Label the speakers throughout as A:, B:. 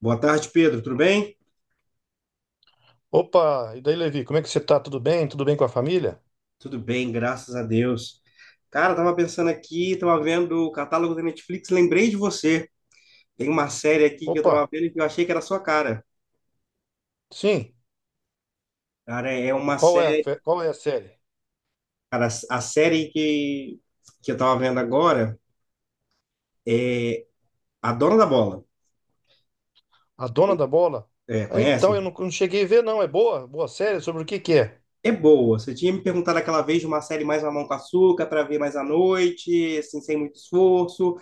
A: Boa tarde, Pedro. Tudo bem?
B: Opa, e daí, Levi, como é que você tá? Tudo bem? Tudo bem com a família?
A: Tudo bem, graças a Deus. Cara, tava pensando aqui, tava vendo o catálogo da Netflix, lembrei de você. Tem uma série aqui que eu tava
B: Opa,
A: vendo que eu achei que era a sua cara.
B: sim.
A: Cara, é uma série,
B: Qual é a série?
A: cara, a série que, Que eu tava vendo agora, é A Dona da Bola.
B: A Dona da Bola?
A: É,
B: Ah, então,
A: conhece?
B: eu não cheguei a ver, não. É boa? Boa série? Sobre o que que é?
A: É boa. Você tinha me perguntado aquela vez de uma série mais mamão com açúcar para ver mais à noite, assim, sem muito esforço.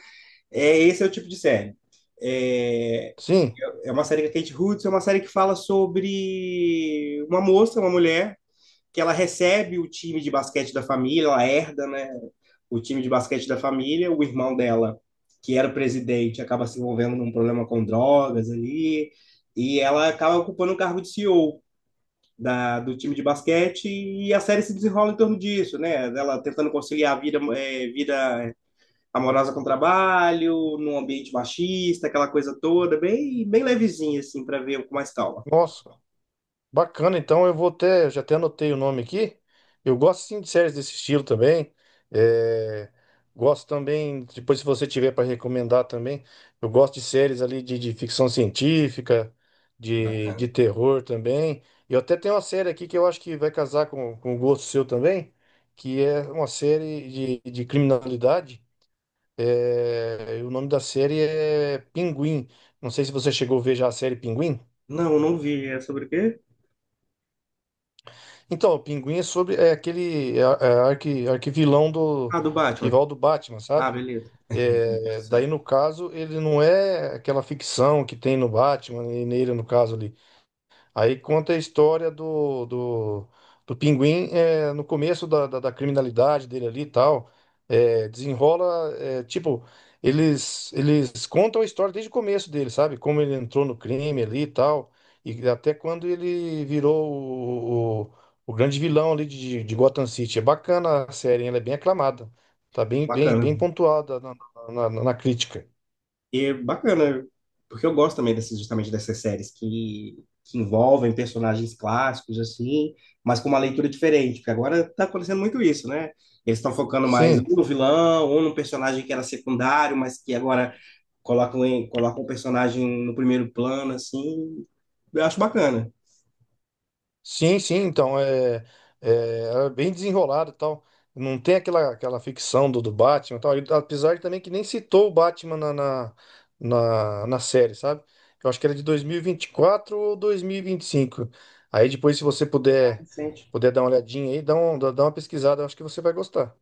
A: É, esse é o tipo de série. É,
B: Sim.
A: é uma série com a Kate Hudson, é uma série que fala sobre uma mulher, que ela recebe o time de basquete da família, ela herda, né, o time de basquete da família. O irmão dela, que era o presidente, acaba se envolvendo num problema com drogas ali, e ela acaba ocupando o cargo de CEO do time de basquete, e a série se desenrola em torno disso, né, dela tentando conciliar a vida, vida amorosa com trabalho, num ambiente machista, aquela coisa toda, bem, bem levezinha, assim, para ver com mais calma.
B: Nossa. Bacana, então eu vou até, Eu já até anotei o nome aqui. Eu gosto sim de séries desse estilo também. É, gosto também, depois se você tiver para recomendar também, eu gosto de séries ali de ficção científica, de
A: Bacana.
B: terror também. E eu até tenho uma série aqui que eu acho que vai casar com o gosto seu também, que é uma série de criminalidade. É, e o nome da série é Pinguim. Não sei se você chegou a ver já a série Pinguim.
A: Não, não vi. É sobre o quê?
B: Então, o Pinguim é sobre é aquele é, é, arqui, arquivilão do
A: Ah, do Batman.
B: rival do Batman,
A: Ah,
B: sabe?
A: beleza.
B: É, daí
A: Certo.
B: no caso ele não é aquela ficção que tem no Batman e nele no caso ali. Aí conta a história do, do pinguim no começo da criminalidade dele ali e tal. Desenrola, tipo, eles contam a história desde o começo dele, sabe? Como ele entrou no crime ali e tal. E até quando ele virou o grande vilão ali de Gotham City. É bacana a série, hein? Ela é bem aclamada. Tá
A: Bacana.
B: bem pontuada na crítica.
A: E é bacana, porque eu gosto também dessas, justamente dessas séries que envolvem personagens clássicos, assim, mas com uma leitura diferente, porque agora tá acontecendo muito isso, né? Eles estão focando mais ou
B: Sim.
A: no vilão, ou num personagem que era secundário, mas que agora colocam um personagem no primeiro plano, assim. Eu acho bacana.
B: Sim, sim, então é, É bem desenrolado e tal. Não tem aquela ficção do Batman e tal. E, apesar de também que nem citou o Batman na série, sabe? Eu acho que era de dois mil e vinte e quatro ou dois mil e vinte e cinco. Aí depois, se você puder,
A: Sente.
B: Puder dar uma olhadinha aí, dá, um, dá dá uma pesquisada, eu acho que você vai gostar.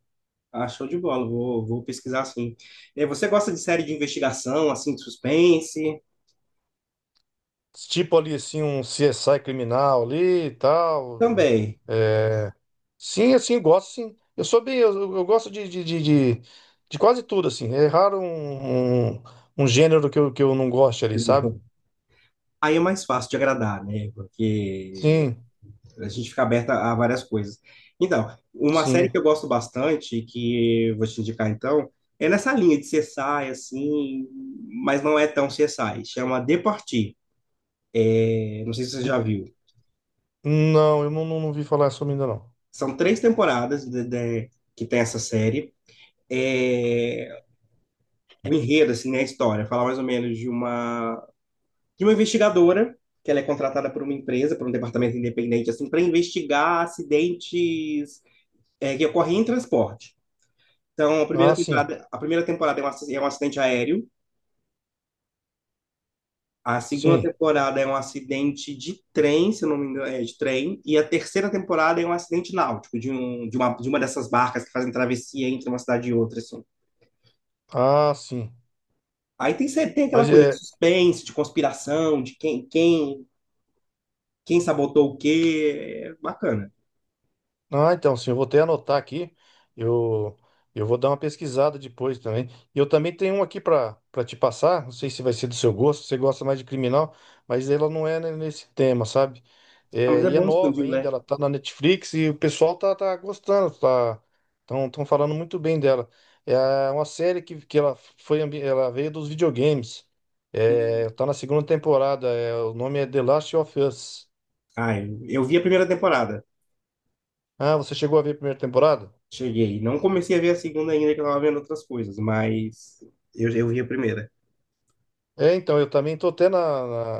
A: Ah, show de bola, vou pesquisar assim. Você gosta de série de investigação, assim, de suspense?
B: Tipo ali assim, um CSI criminal ali e tal.
A: Também.
B: é, Sim, assim, gosto sim. Eu sou bem, Eu gosto de- de quase tudo, assim. É raro um gênero que eu não goste ali,
A: Tipo,
B: sabe?
A: aí é mais fácil de agradar, né? Porque
B: Sim,
A: a gente fica aberto a várias coisas. Então, uma série
B: sim.
A: que eu gosto bastante, que eu vou te indicar então, é nessa linha de CSI, assim, mas não é tão CSI. Chama The Party. Eu não sei se você já
B: De-
A: viu.
B: não, eu não vi falar sobre ainda não.
A: São três temporadas que tem essa série. É, o enredo, assim, né, a história, fala mais ou menos de uma investigadora que ela é contratada por uma empresa, por um departamento independente, assim, para investigar acidentes que ocorrem em transporte. Então,
B: Ah, sim,
A: a primeira temporada é um é um acidente aéreo, a segunda
B: sim.
A: temporada é um acidente de trem, se eu não me engano, é de trem, e a terceira temporada é um acidente náutico, de uma dessas barcas que fazem travessia entre uma cidade e outra, assim.
B: Ah, sim.
A: Aí tem, sempre- tem aquela
B: Mas
A: coisa de
B: é,
A: suspense, de conspiração, quem sabotou o quê. É bacana.
B: ah, então, sim, eu vou até anotar aqui. Eu, eu vou dar uma pesquisada depois também. E eu também tenho um aqui para te passar. Não sei se vai ser do seu gosto, se você gosta mais de criminal, mas ela não é nesse tema, sabe?
A: Ah, mas
B: É,
A: é
B: e é
A: bom
B: nova
A: expandir o
B: ainda,
A: leque.
B: ela tá na Netflix e o pessoal tá gostando, tão falando muito bem dela. É uma série que ela foi, ela veio dos videogames.
A: Hum.
B: É, tá na segunda temporada. É, o nome é The Last of Us.
A: Ah, eu vi a primeira temporada.
B: Ah, você chegou a ver a primeira temporada?
A: Cheguei. Não comecei a ver a segunda ainda, que eu tava vendo outras coisas, mas eu vi a primeira.
B: É, então, eu também tô até na,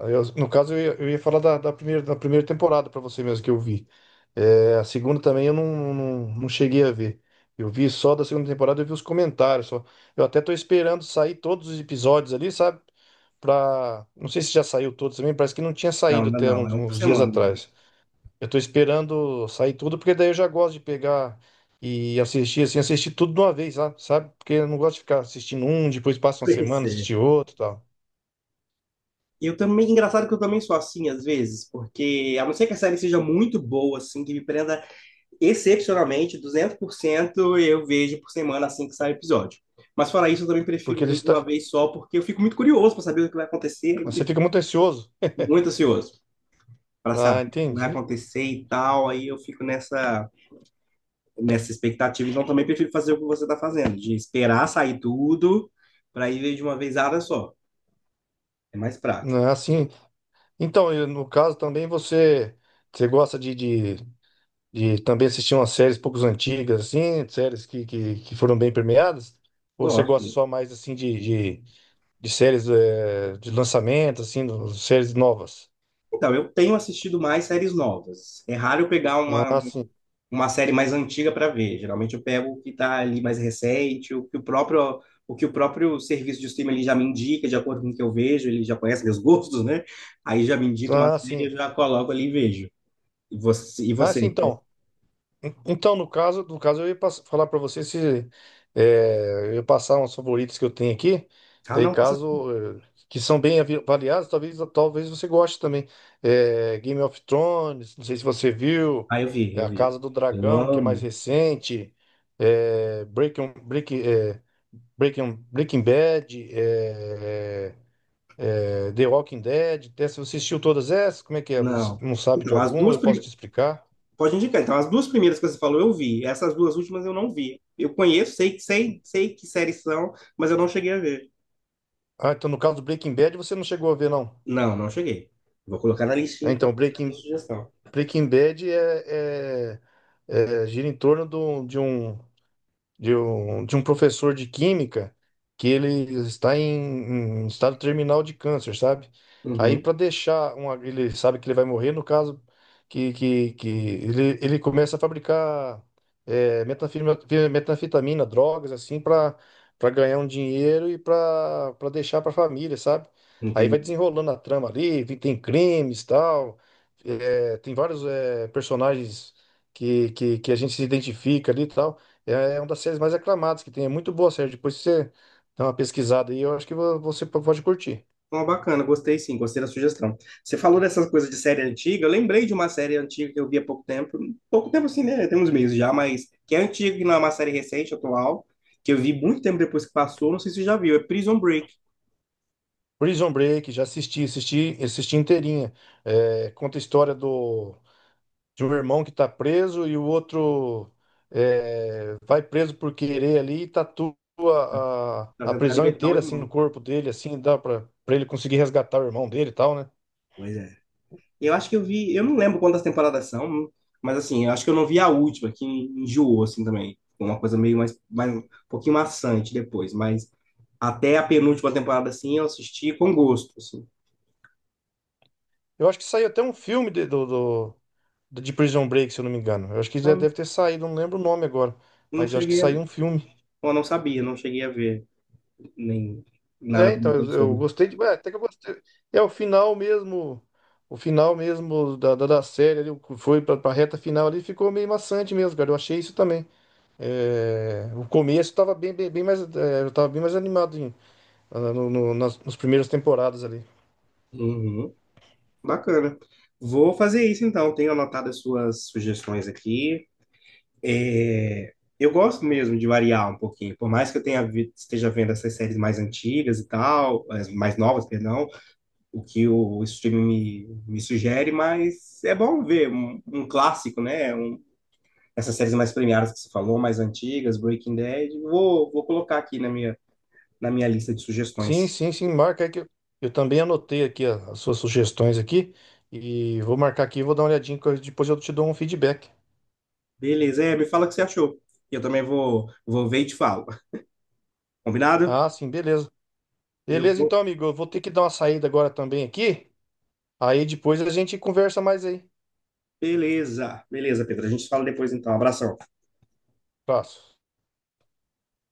B: na- eu- no caso, eu ia falar da primeira temporada pra você mesmo que eu vi. É, a segunda também eu não cheguei a ver. Eu vi só da segunda temporada, eu vi os comentários só. Eu até tô esperando sair todos os episódios ali, sabe? Pra, não sei se já saiu todos também, parece que não tinha
A: Não,
B: saído
A: ainda
B: até
A: não. É um por
B: uns dias
A: semana, viu?
B: atrás. Eu tô esperando sair tudo, porque daí eu já gosto de pegar e assistir, assim, assistir tudo de uma vez, sabe? Sabe? Porque eu não gosto de ficar assistindo um, depois passa uma
A: Pois
B: semana,
A: é.
B: assistir outro e tal.
A: Eu também, engraçado que eu também sou assim às vezes, porque a não ser que a série seja muito boa, assim, que me prenda excepcionalmente, 200% eu vejo por semana assim que sai o episódio. Mas fora isso, eu também
B: Porque
A: prefiro
B: ele
A: ver de
B: está.
A: uma vez só, porque eu fico muito curioso para saber o que vai acontecer,
B: Você fica muito ansioso.
A: muito ansioso para saber
B: Ah,
A: o que vai
B: entendi.
A: acontecer e tal. Aí eu fico nessa, nessa expectativa. Então também prefiro fazer o que você está fazendo, de esperar sair tudo para ir ver de uma vezada só. É mais prático.
B: Não, é assim. Então, e no caso também você. Você gosta de também assistir umas séries poucos antigas, assim, séries que foram bem premiadas? Ou você gosta
A: Gosto.
B: só mais assim de, de séries de lançamento, assim, séries novas?
A: Então, eu tenho assistido mais séries novas. É raro eu pegar
B: Ah, sim.
A: uma série mais antiga para ver. Geralmente eu pego o que está ali mais recente, o que o próprio serviço de streaming ele já me indica, de acordo com o que eu vejo, ele já conhece meus gostos, né? Aí já me indica uma
B: Ah,
A: série, eu
B: sim.
A: já coloco ali e vejo. E
B: Ah, sim,
A: você?
B: então. No caso, falar para você se é, eu ia passar uns favoritos que eu tenho aqui,
A: Ah,
B: daí
A: não, passa. Assim.
B: caso eh, que são bem avaliados, talvez você goste também. É, Game of Thrones, não sei se você viu,
A: Ah,
B: é,
A: eu
B: A Casa
A: vi.
B: do
A: Eu
B: Dragão, que é mais
A: amo.
B: recente, é, Breaking Bad, é, The Walking Dead. Até se você assistiu todas essas, como é que é? Você
A: Não.
B: não sabe de
A: Então, as
B: alguma?
A: duas
B: Eu posso te
A: primeiras.
B: explicar.
A: Pode indicar. Então, as duas primeiras que você falou, eu vi. Essas duas últimas eu não vi. Eu conheço, sei que séries são, mas eu não cheguei a ver.
B: Ah, então no caso do Breaking Bad você não chegou a ver, não.
A: Não, não cheguei. Vou colocar na listinha,
B: É,
A: então,
B: então,
A: essa
B: Breaking,
A: sugestão.
B: Breaking Bad gira em torno de um professor de química que ele está em estado terminal de câncer, sabe? Aí
A: Uhum,
B: para deixar uma, ele sabe que ele vai morrer, no caso que ele começa a fabricar metanfetamina, drogas assim para ganhar um dinheiro e para deixar para a família, sabe? Aí vai
A: entendi.
B: desenrolando a trama ali, vi- tem crimes, tal, é, tem vários é, personagens que a gente se identifica ali, e tal. É é uma das séries mais aclamadas que tem. É muito boa a série. Depois você dá uma pesquisada aí, eu acho que você pode curtir.
A: Uma bacana, gostei sim, gostei da sugestão. Você falou dessas coisas de série antiga, eu lembrei de uma série antiga que eu vi há pouco tempo assim, né? Tem uns meses já, mas que é antiga, que não é uma série recente, atual, que eu vi muito tempo depois que passou, não sei se você já viu, é Prison Break,
B: Prison Break, já assisti, assisti inteirinha. É, conta a história do, de um irmão que tá preso e o outro é, vai preso por querer ali e tatua
A: pra
B: a
A: tentar
B: prisão
A: libertar o
B: inteira assim no
A: irmão.
B: corpo dele, assim, dá pra, pra ele conseguir resgatar o irmão dele e tal, né?
A: Pois é. Eu acho que eu vi, eu não lembro quantas temporadas são, mas assim, eu acho que eu não vi a última, que enjoou assim também. Foi uma coisa meio mais um pouquinho maçante depois, mas até a penúltima temporada assim eu assisti com gosto, assim.
B: Eu acho que saiu até um filme de, do, do- do- de Prison Break, se eu não me engano. Eu acho que já deve ter saído, não lembro o nome agora.
A: Não
B: Mas eu acho que
A: cheguei a...
B: saiu um filme.
A: Eu não sabia, não cheguei a ver nem nada
B: É, então,
A: comentando
B: eu
A: sobre.
B: gostei de. É, até que eu gostei. É o final mesmo. O final mesmo da série ali, o que foi pra, pra reta final ali, ficou meio maçante mesmo, cara. Eu achei isso também. É, o começo tava bem mais. É, eu tava bem mais animado nas primeiras temporadas ali.
A: Uhum, bacana. Vou fazer isso então. Tenho anotado as suas sugestões aqui. É, eu gosto mesmo de variar um pouquinho. Por mais que eu tenha esteja vendo essas séries mais antigas e tal, as mais novas, perdão, o que o streaming me sugere, mas é bom ver um clássico, né? Um- essas séries mais premiadas que você falou, mais antigas, Breaking Bad. Vou colocar aqui na minha lista de
B: Sim,
A: sugestões.
B: sim, sim, marca aí que eu também anotei aqui as suas sugestões aqui e vou marcar aqui, vou dar uma olhadinha, que eu- depois eu te dou um feedback.
A: Beleza, é, me fala o que você achou. E eu também vou ver e te falo. Combinado?
B: Ah, sim, beleza.
A: Eu
B: Beleza,
A: vou.
B: então, amigo, eu vou ter que dar uma saída agora também aqui, aí depois a gente conversa mais aí.
A: Beleza, beleza, Pedro. A gente se fala depois então. Abração.
B: Abraço.